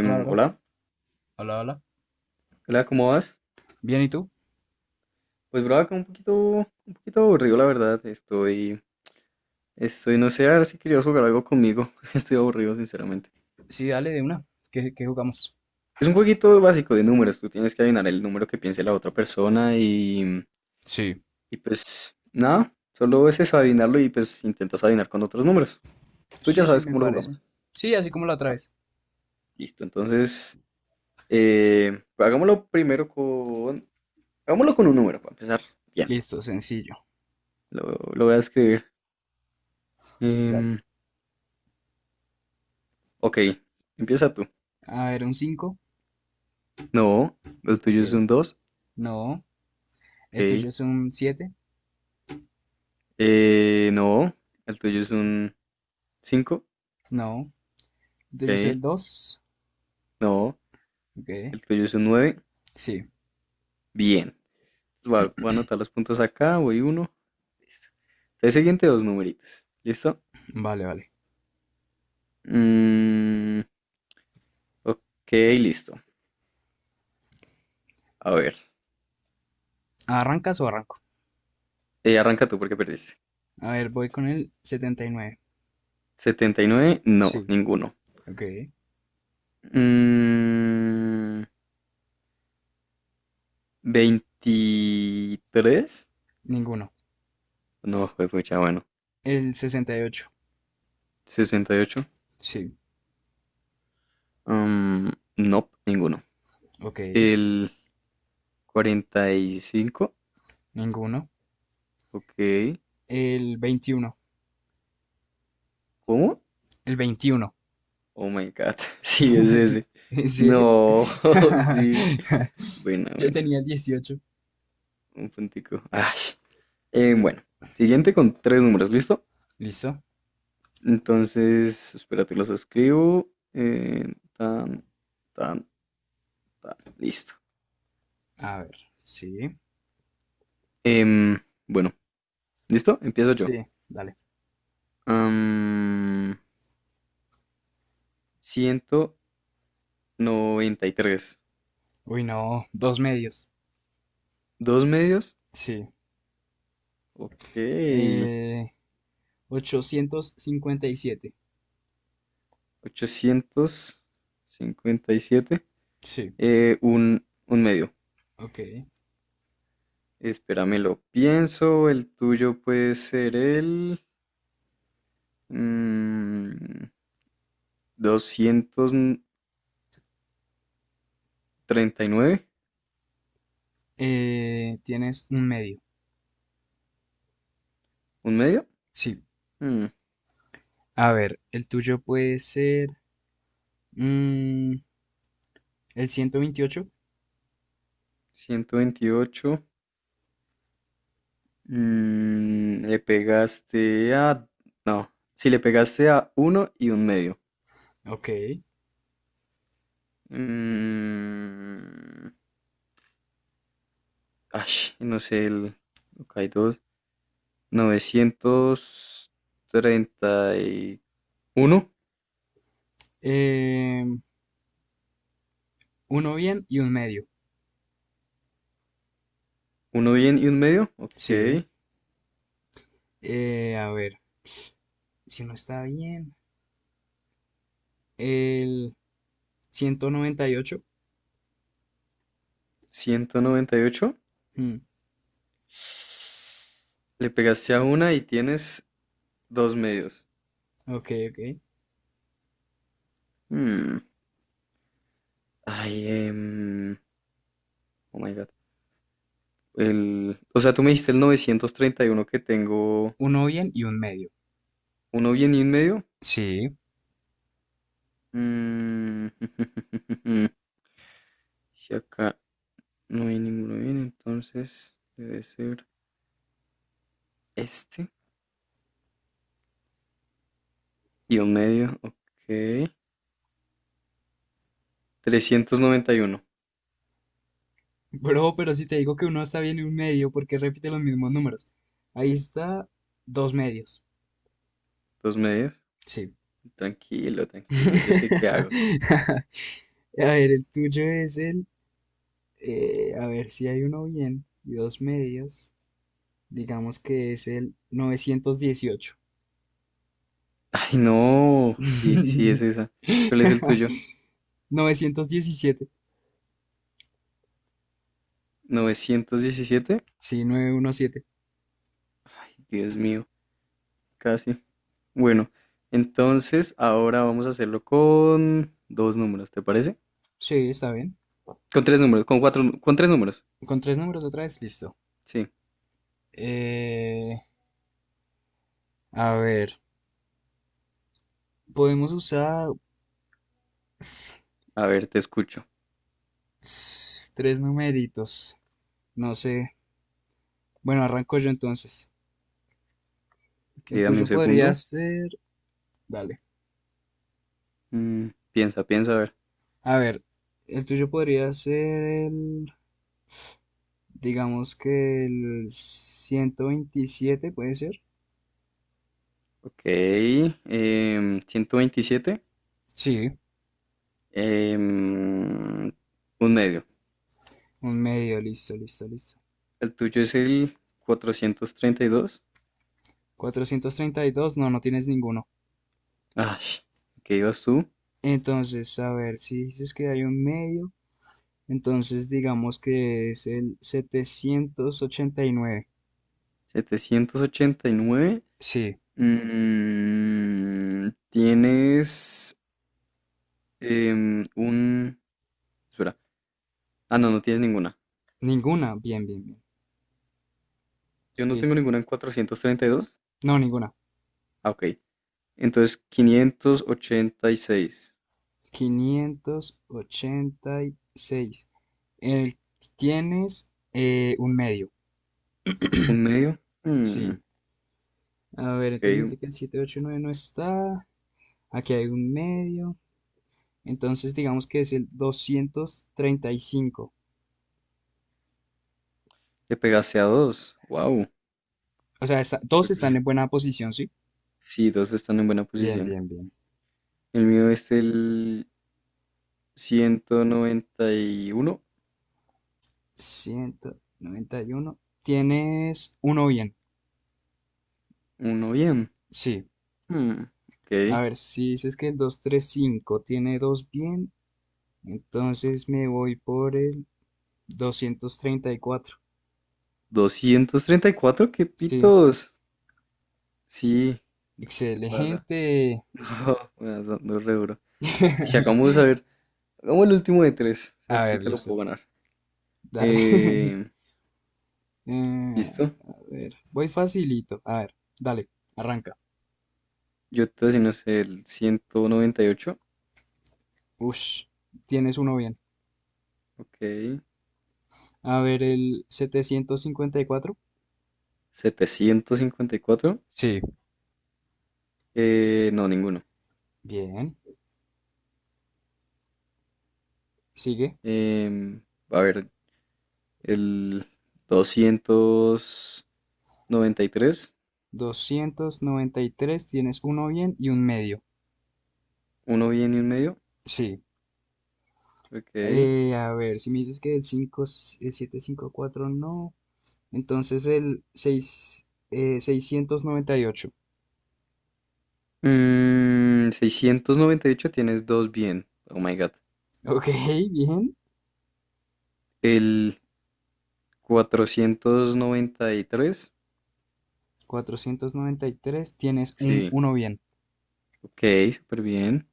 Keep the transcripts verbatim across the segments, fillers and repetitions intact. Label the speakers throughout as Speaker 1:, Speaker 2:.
Speaker 1: Hola, bro.
Speaker 2: Hola,
Speaker 1: Hola, hola.
Speaker 2: hola, ¿cómo vas?
Speaker 1: Bien, ¿y tú?
Speaker 2: Pues, bro, acá un poquito, un poquito aburrido, la verdad. Estoy, estoy, no sé, a ver si querías jugar algo conmigo. Estoy aburrido, sinceramente.
Speaker 1: Sí, dale de una. ¿Qué, qué jugamos?
Speaker 2: Es un jueguito básico de números. Tú tienes que adivinar el número que piense la otra persona y,
Speaker 1: Sí.
Speaker 2: y pues nada, solo es eso, adivinarlo y pues intentas adivinar con otros números. Tú
Speaker 1: Sí,
Speaker 2: ya
Speaker 1: sí,
Speaker 2: sabes
Speaker 1: me
Speaker 2: cómo lo
Speaker 1: parece.
Speaker 2: jugamos.
Speaker 1: Sí, así como la
Speaker 2: Listo,
Speaker 1: traes.
Speaker 2: Listo, entonces, eh, hagámoslo primero con, hagámoslo con un número para empezar. Bien,
Speaker 1: Listo, sencillo.
Speaker 2: lo, lo voy a escribir.
Speaker 1: Ya.
Speaker 2: Em, Ok, empieza tú.
Speaker 1: A ver, un cinco.
Speaker 2: No, el
Speaker 1: Ok.
Speaker 2: tuyo es un dos.
Speaker 1: No. El
Speaker 2: Ok.
Speaker 1: tuyo es un siete.
Speaker 2: Eh, no, el tuyo
Speaker 1: Ok.
Speaker 2: es un cinco.
Speaker 1: No. El
Speaker 2: Ok.
Speaker 1: tuyo es el dos.
Speaker 2: No,
Speaker 1: Ok.
Speaker 2: el tuyo es un nueve.
Speaker 1: Sí.
Speaker 2: Bien. Entonces Voy a, voy a anotar los puntos acá. Voy uno. Listo. Entonces, siguiente dos numeritos. ¿Listo?
Speaker 1: Vale, vale.
Speaker 2: Mm, ok, listo. A ver.
Speaker 1: ¿Arrancas o arranco?
Speaker 2: Eh, arranca tú porque perdiste.
Speaker 1: A ver, voy con el setenta y nueve.
Speaker 2: Setenta y nueve. No,
Speaker 1: Sí.
Speaker 2: ninguno.
Speaker 1: Ok.
Speaker 2: Mm, veintitrés.
Speaker 1: Ninguno.
Speaker 2: No, fue mucha, bueno.
Speaker 1: El sesenta y ocho.
Speaker 2: Sesenta y ocho.
Speaker 1: Sí.
Speaker 2: Um, no, ninguno.
Speaker 1: Ok.
Speaker 2: El cuarenta y cinco.
Speaker 1: Ninguno.
Speaker 2: Ok.
Speaker 1: El veintiuno.
Speaker 2: ¿Cómo?
Speaker 1: El veintiuno.
Speaker 2: Oh my God. Sí, es ese.
Speaker 1: ¿En serio?
Speaker 2: No, sí. Buena,
Speaker 1: Yo
Speaker 2: buena.
Speaker 1: tenía dieciocho.
Speaker 2: Un puntico. Ay. Eh, bueno, siguiente con tres números, ¿listo?
Speaker 1: ¿Listo?
Speaker 2: Entonces, espérate, los escribo. Eh, tan, tan, tan. Listo.
Speaker 1: A ver. Sí.
Speaker 2: Em, bueno, ¿listo? Empiezo yo.
Speaker 1: Sí, dale.
Speaker 2: Am, Ciento noventa y tres.
Speaker 1: Uy, no. Dos medios.
Speaker 2: Dos medios.
Speaker 1: Sí.
Speaker 2: Ok.
Speaker 1: Eh, ochocientos cincuenta y siete.
Speaker 2: ochocientos cincuenta y siete.
Speaker 1: Sí.
Speaker 2: Eh, un, un medio.
Speaker 1: Ok.
Speaker 2: Espérame, lo pienso. El tuyo puede ser el mm, doscientos treinta y nueve.
Speaker 1: Eh, tienes un medio.
Speaker 2: ¿Un medio?
Speaker 1: Sí.
Speaker 2: Mm,
Speaker 1: A ver, el tuyo puede ser mm, el ciento veintiocho.
Speaker 2: Ciento veintiocho. Mm, le pegaste a... No, si le pegaste a uno y un medio.
Speaker 1: Ok.
Speaker 2: Mm, Ay, no sé, el... Ok, dos. Novecientos treinta y uno.
Speaker 1: Eh, uno bien y un medio.
Speaker 2: Uno bien y un medio.
Speaker 1: Sí.
Speaker 2: Ok.
Speaker 1: Eh, a ver, si no está bien, el ciento noventa y ocho.
Speaker 2: Ciento noventa y ocho.
Speaker 1: Mm,
Speaker 2: Le pegaste a una y tienes dos medios.
Speaker 1: ok, ok.
Speaker 2: Hmm, Ay, em, oh my God. El, o sea, tú me dijiste el novecientos treinta y uno que tengo
Speaker 1: Uno bien y un medio.
Speaker 2: uno bien y un medio.
Speaker 1: Sí.
Speaker 2: Mm, Si acá no hay ninguno bien, entonces debe ser este y un medio. Ok. Trescientos noventa y uno.
Speaker 1: Bro, pero si te digo que uno está bien y un medio, ¿por qué repite los mismos números? Ahí está dos medios.
Speaker 2: Dos medios.
Speaker 1: Sí.
Speaker 2: Tranquilo, tranquilo, yo sé qué hago.
Speaker 1: A ver, el tuyo es el... eh, a ver si hay uno bien y dos medios. Digamos que es el novecientos dieciocho.
Speaker 2: Ay, no. Y sí, es esa. ¿Cuál es el tuyo?
Speaker 1: Novecientos diecisiete.
Speaker 2: Novecientos diecisiete.
Speaker 1: Sí, novecientos diecisiete.
Speaker 2: Ay, Dios mío, casi. Bueno, entonces ahora vamos a hacerlo con dos números, ¿te parece?
Speaker 1: Sí, está bien.
Speaker 2: Con tres números, con cuatro, nu- con tres números.
Speaker 1: Con tres números otra vez. Listo.
Speaker 2: Sí.
Speaker 1: Eh, A ver, podemos usar
Speaker 2: A ver, te escucho.
Speaker 1: ss, tres numeritos. No sé. Bueno, arranco yo entonces.
Speaker 2: Ok,
Speaker 1: El
Speaker 2: dame un
Speaker 1: tuyo podría
Speaker 2: segundo.
Speaker 1: ser. Dale.
Speaker 2: Mm, Piensa, piensa, a ver.
Speaker 1: A ver, el tuyo podría ser el... digamos que el ciento veintisiete, ¿puede ser?
Speaker 2: Ok, em, ciento veintisiete,
Speaker 1: Sí,
Speaker 2: em, un medio.
Speaker 1: un medio, listo, listo, listo.
Speaker 2: El tuyo es el cuatrocientos treinta y dos.
Speaker 1: Cuatrocientos treinta y dos, no, no tienes ninguno.
Speaker 2: Ah, ¿qué ibas tú?
Speaker 1: Entonces, a ver, si dices que hay un medio, entonces digamos que es el setecientos ochenta y nueve.
Speaker 2: setecientos ochenta y nueve.
Speaker 1: Sí.
Speaker 2: Mm, tienes em, un... Espera. Ah, no, no tienes ninguna.
Speaker 1: Ninguna. Bien, bien, bien.
Speaker 2: Yo no tengo
Speaker 1: Listo.
Speaker 2: ninguna en cuatrocientos treinta y dos.
Speaker 1: No, ninguna.
Speaker 2: Ah, ok. Entonces, quinientos ochenta y seis.
Speaker 1: Quinientos ochenta y seis. El, tienes eh, un medio.
Speaker 2: ¿Un medio? Mm,
Speaker 1: Sí. A ver, entonces me
Speaker 2: ok.
Speaker 1: dice que el setecientos ochenta y nueve no está. Aquí hay un medio. Entonces digamos que es el doscientos treinta y cinco.
Speaker 2: Le pegaste a dos. Wow.
Speaker 1: O sea, está- dos están en buena posición, ¿sí?
Speaker 2: Sí, dos están en buena
Speaker 1: Bien,
Speaker 2: posición.
Speaker 1: bien, bien.
Speaker 2: El mío es el ciento noventa y uno.
Speaker 1: Ciento noventa y uno. Tienes uno bien.
Speaker 2: Uno bien.
Speaker 1: Sí.
Speaker 2: Hmm,
Speaker 1: A
Speaker 2: ok.
Speaker 1: ver, si dices que el doscientos treinta y cinco tiene dos bien, entonces me voy por el doscientos treinta y cuatro.
Speaker 2: doscientos treinta y cuatro, qué
Speaker 1: Sí,
Speaker 2: pitos. Sí, ¿qué te pasa?
Speaker 1: excelente.
Speaker 2: No, me vas dando re duro. Ay, ya vamos a ver. Hagamos el último de tres.
Speaker 1: A
Speaker 2: Este
Speaker 1: ver,
Speaker 2: te lo
Speaker 1: listo.
Speaker 2: puedo ganar.
Speaker 1: Dale.
Speaker 2: Eh,
Speaker 1: Eh,
Speaker 2: ¿Listo?
Speaker 1: a ver, voy facilito. A ver, dale, arranca.
Speaker 2: Yo te voy a decir, no sé, el ciento noventa y ocho.
Speaker 1: Ush, tienes uno bien.
Speaker 2: Ok.
Speaker 1: A ver, el setecientos cincuenta y cuatro.
Speaker 2: setecientos cincuenta y cuatro.
Speaker 1: Sí.
Speaker 2: Eh, no, ninguno.
Speaker 1: Bien. Sigue.
Speaker 2: Em, a ver, el doscientos noventa y tres.
Speaker 1: Doscientos noventa y tres. Tienes uno bien y un medio.
Speaker 2: Uno bien y un medio.
Speaker 1: Sí.
Speaker 2: Ok.
Speaker 1: Eh, a ver, si me dices que el cinco, el setecientos cincuenta y cuatro no, entonces el seis, eh, seiscientos noventa y ocho.
Speaker 2: Mm, seiscientos noventa y ocho tienes dos bien. Oh my God.
Speaker 1: Ok, bien.
Speaker 2: El cuatrocientos noventa y tres.
Speaker 1: Cuatrocientos noventa y tres. Tienes un,
Speaker 2: Sí.
Speaker 1: uno bien.
Speaker 2: Ok, súper bien.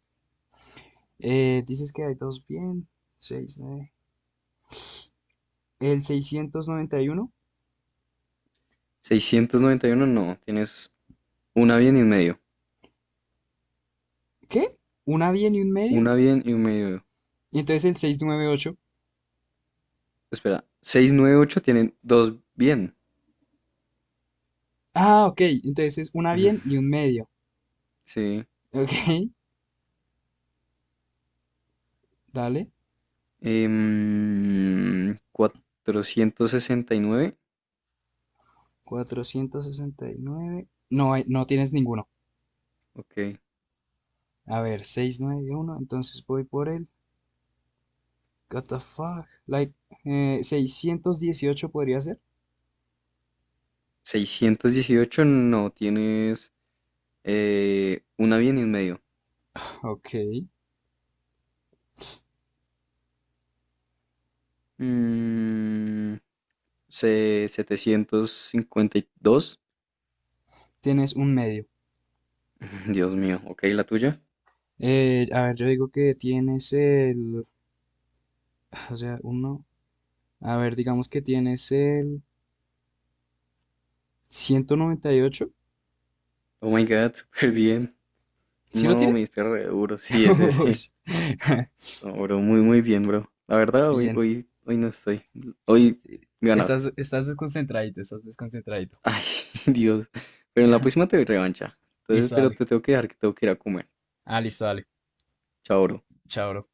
Speaker 1: Eh, dices que hay dos bien. seis. El seiscientos noventa y uno.
Speaker 2: seiscientos noventa y uno no. Tienes una bien y un medio.
Speaker 1: ¿Qué? ¿Una bien y un medio?
Speaker 2: Una bien y un medio.
Speaker 1: Y entonces el seiscientos noventa y ocho.
Speaker 2: Espera. seiscientos noventa y ocho tienen dos bien.
Speaker 1: Ah, ok. Entonces es una bien y un medio.
Speaker 2: Sí.
Speaker 1: Ok, dale.
Speaker 2: Em, cuatrocientos sesenta y nueve.
Speaker 1: Cuatrocientos sesenta y nueve, no, no tienes ninguno.
Speaker 2: Ok.
Speaker 1: A ver, seiscientos noventa y uno. Entonces voy por el What the fuck? Like, eh, seiscientos dieciocho podría ser.
Speaker 2: seiscientos dieciocho no. Tienes eh, una bien y un medio.
Speaker 1: Ok.
Speaker 2: Mm, Se- setecientos cincuenta y dos.
Speaker 1: Tienes un medio.
Speaker 2: Dios mío, ok, la tuya.
Speaker 1: Eh, a ver, yo digo que tienes el... o sea, uno... a ver, digamos que tienes el ciento noventa y ocho.
Speaker 2: Oh my god, súper bien.
Speaker 1: ¿Sí lo
Speaker 2: No, me
Speaker 1: tienes?
Speaker 2: diste re duro. Sí, es
Speaker 1: Uy.
Speaker 2: ese. No, bro, muy, muy bien, bro. La verdad, hoy,
Speaker 1: Bien.
Speaker 2: hoy, hoy no estoy. Hoy
Speaker 1: Estás,
Speaker 2: ganaste.
Speaker 1: estás desconcentradito, estás desconcentradito.
Speaker 2: Ay, Dios. Pero en la próxima te doy revancha. Entonces,
Speaker 1: Listo,
Speaker 2: pero
Speaker 1: dale.
Speaker 2: te tengo que dejar que tengo que ir a comer.
Speaker 1: Ah, listo, dale.
Speaker 2: Chao, bro.
Speaker 1: Chao, bro.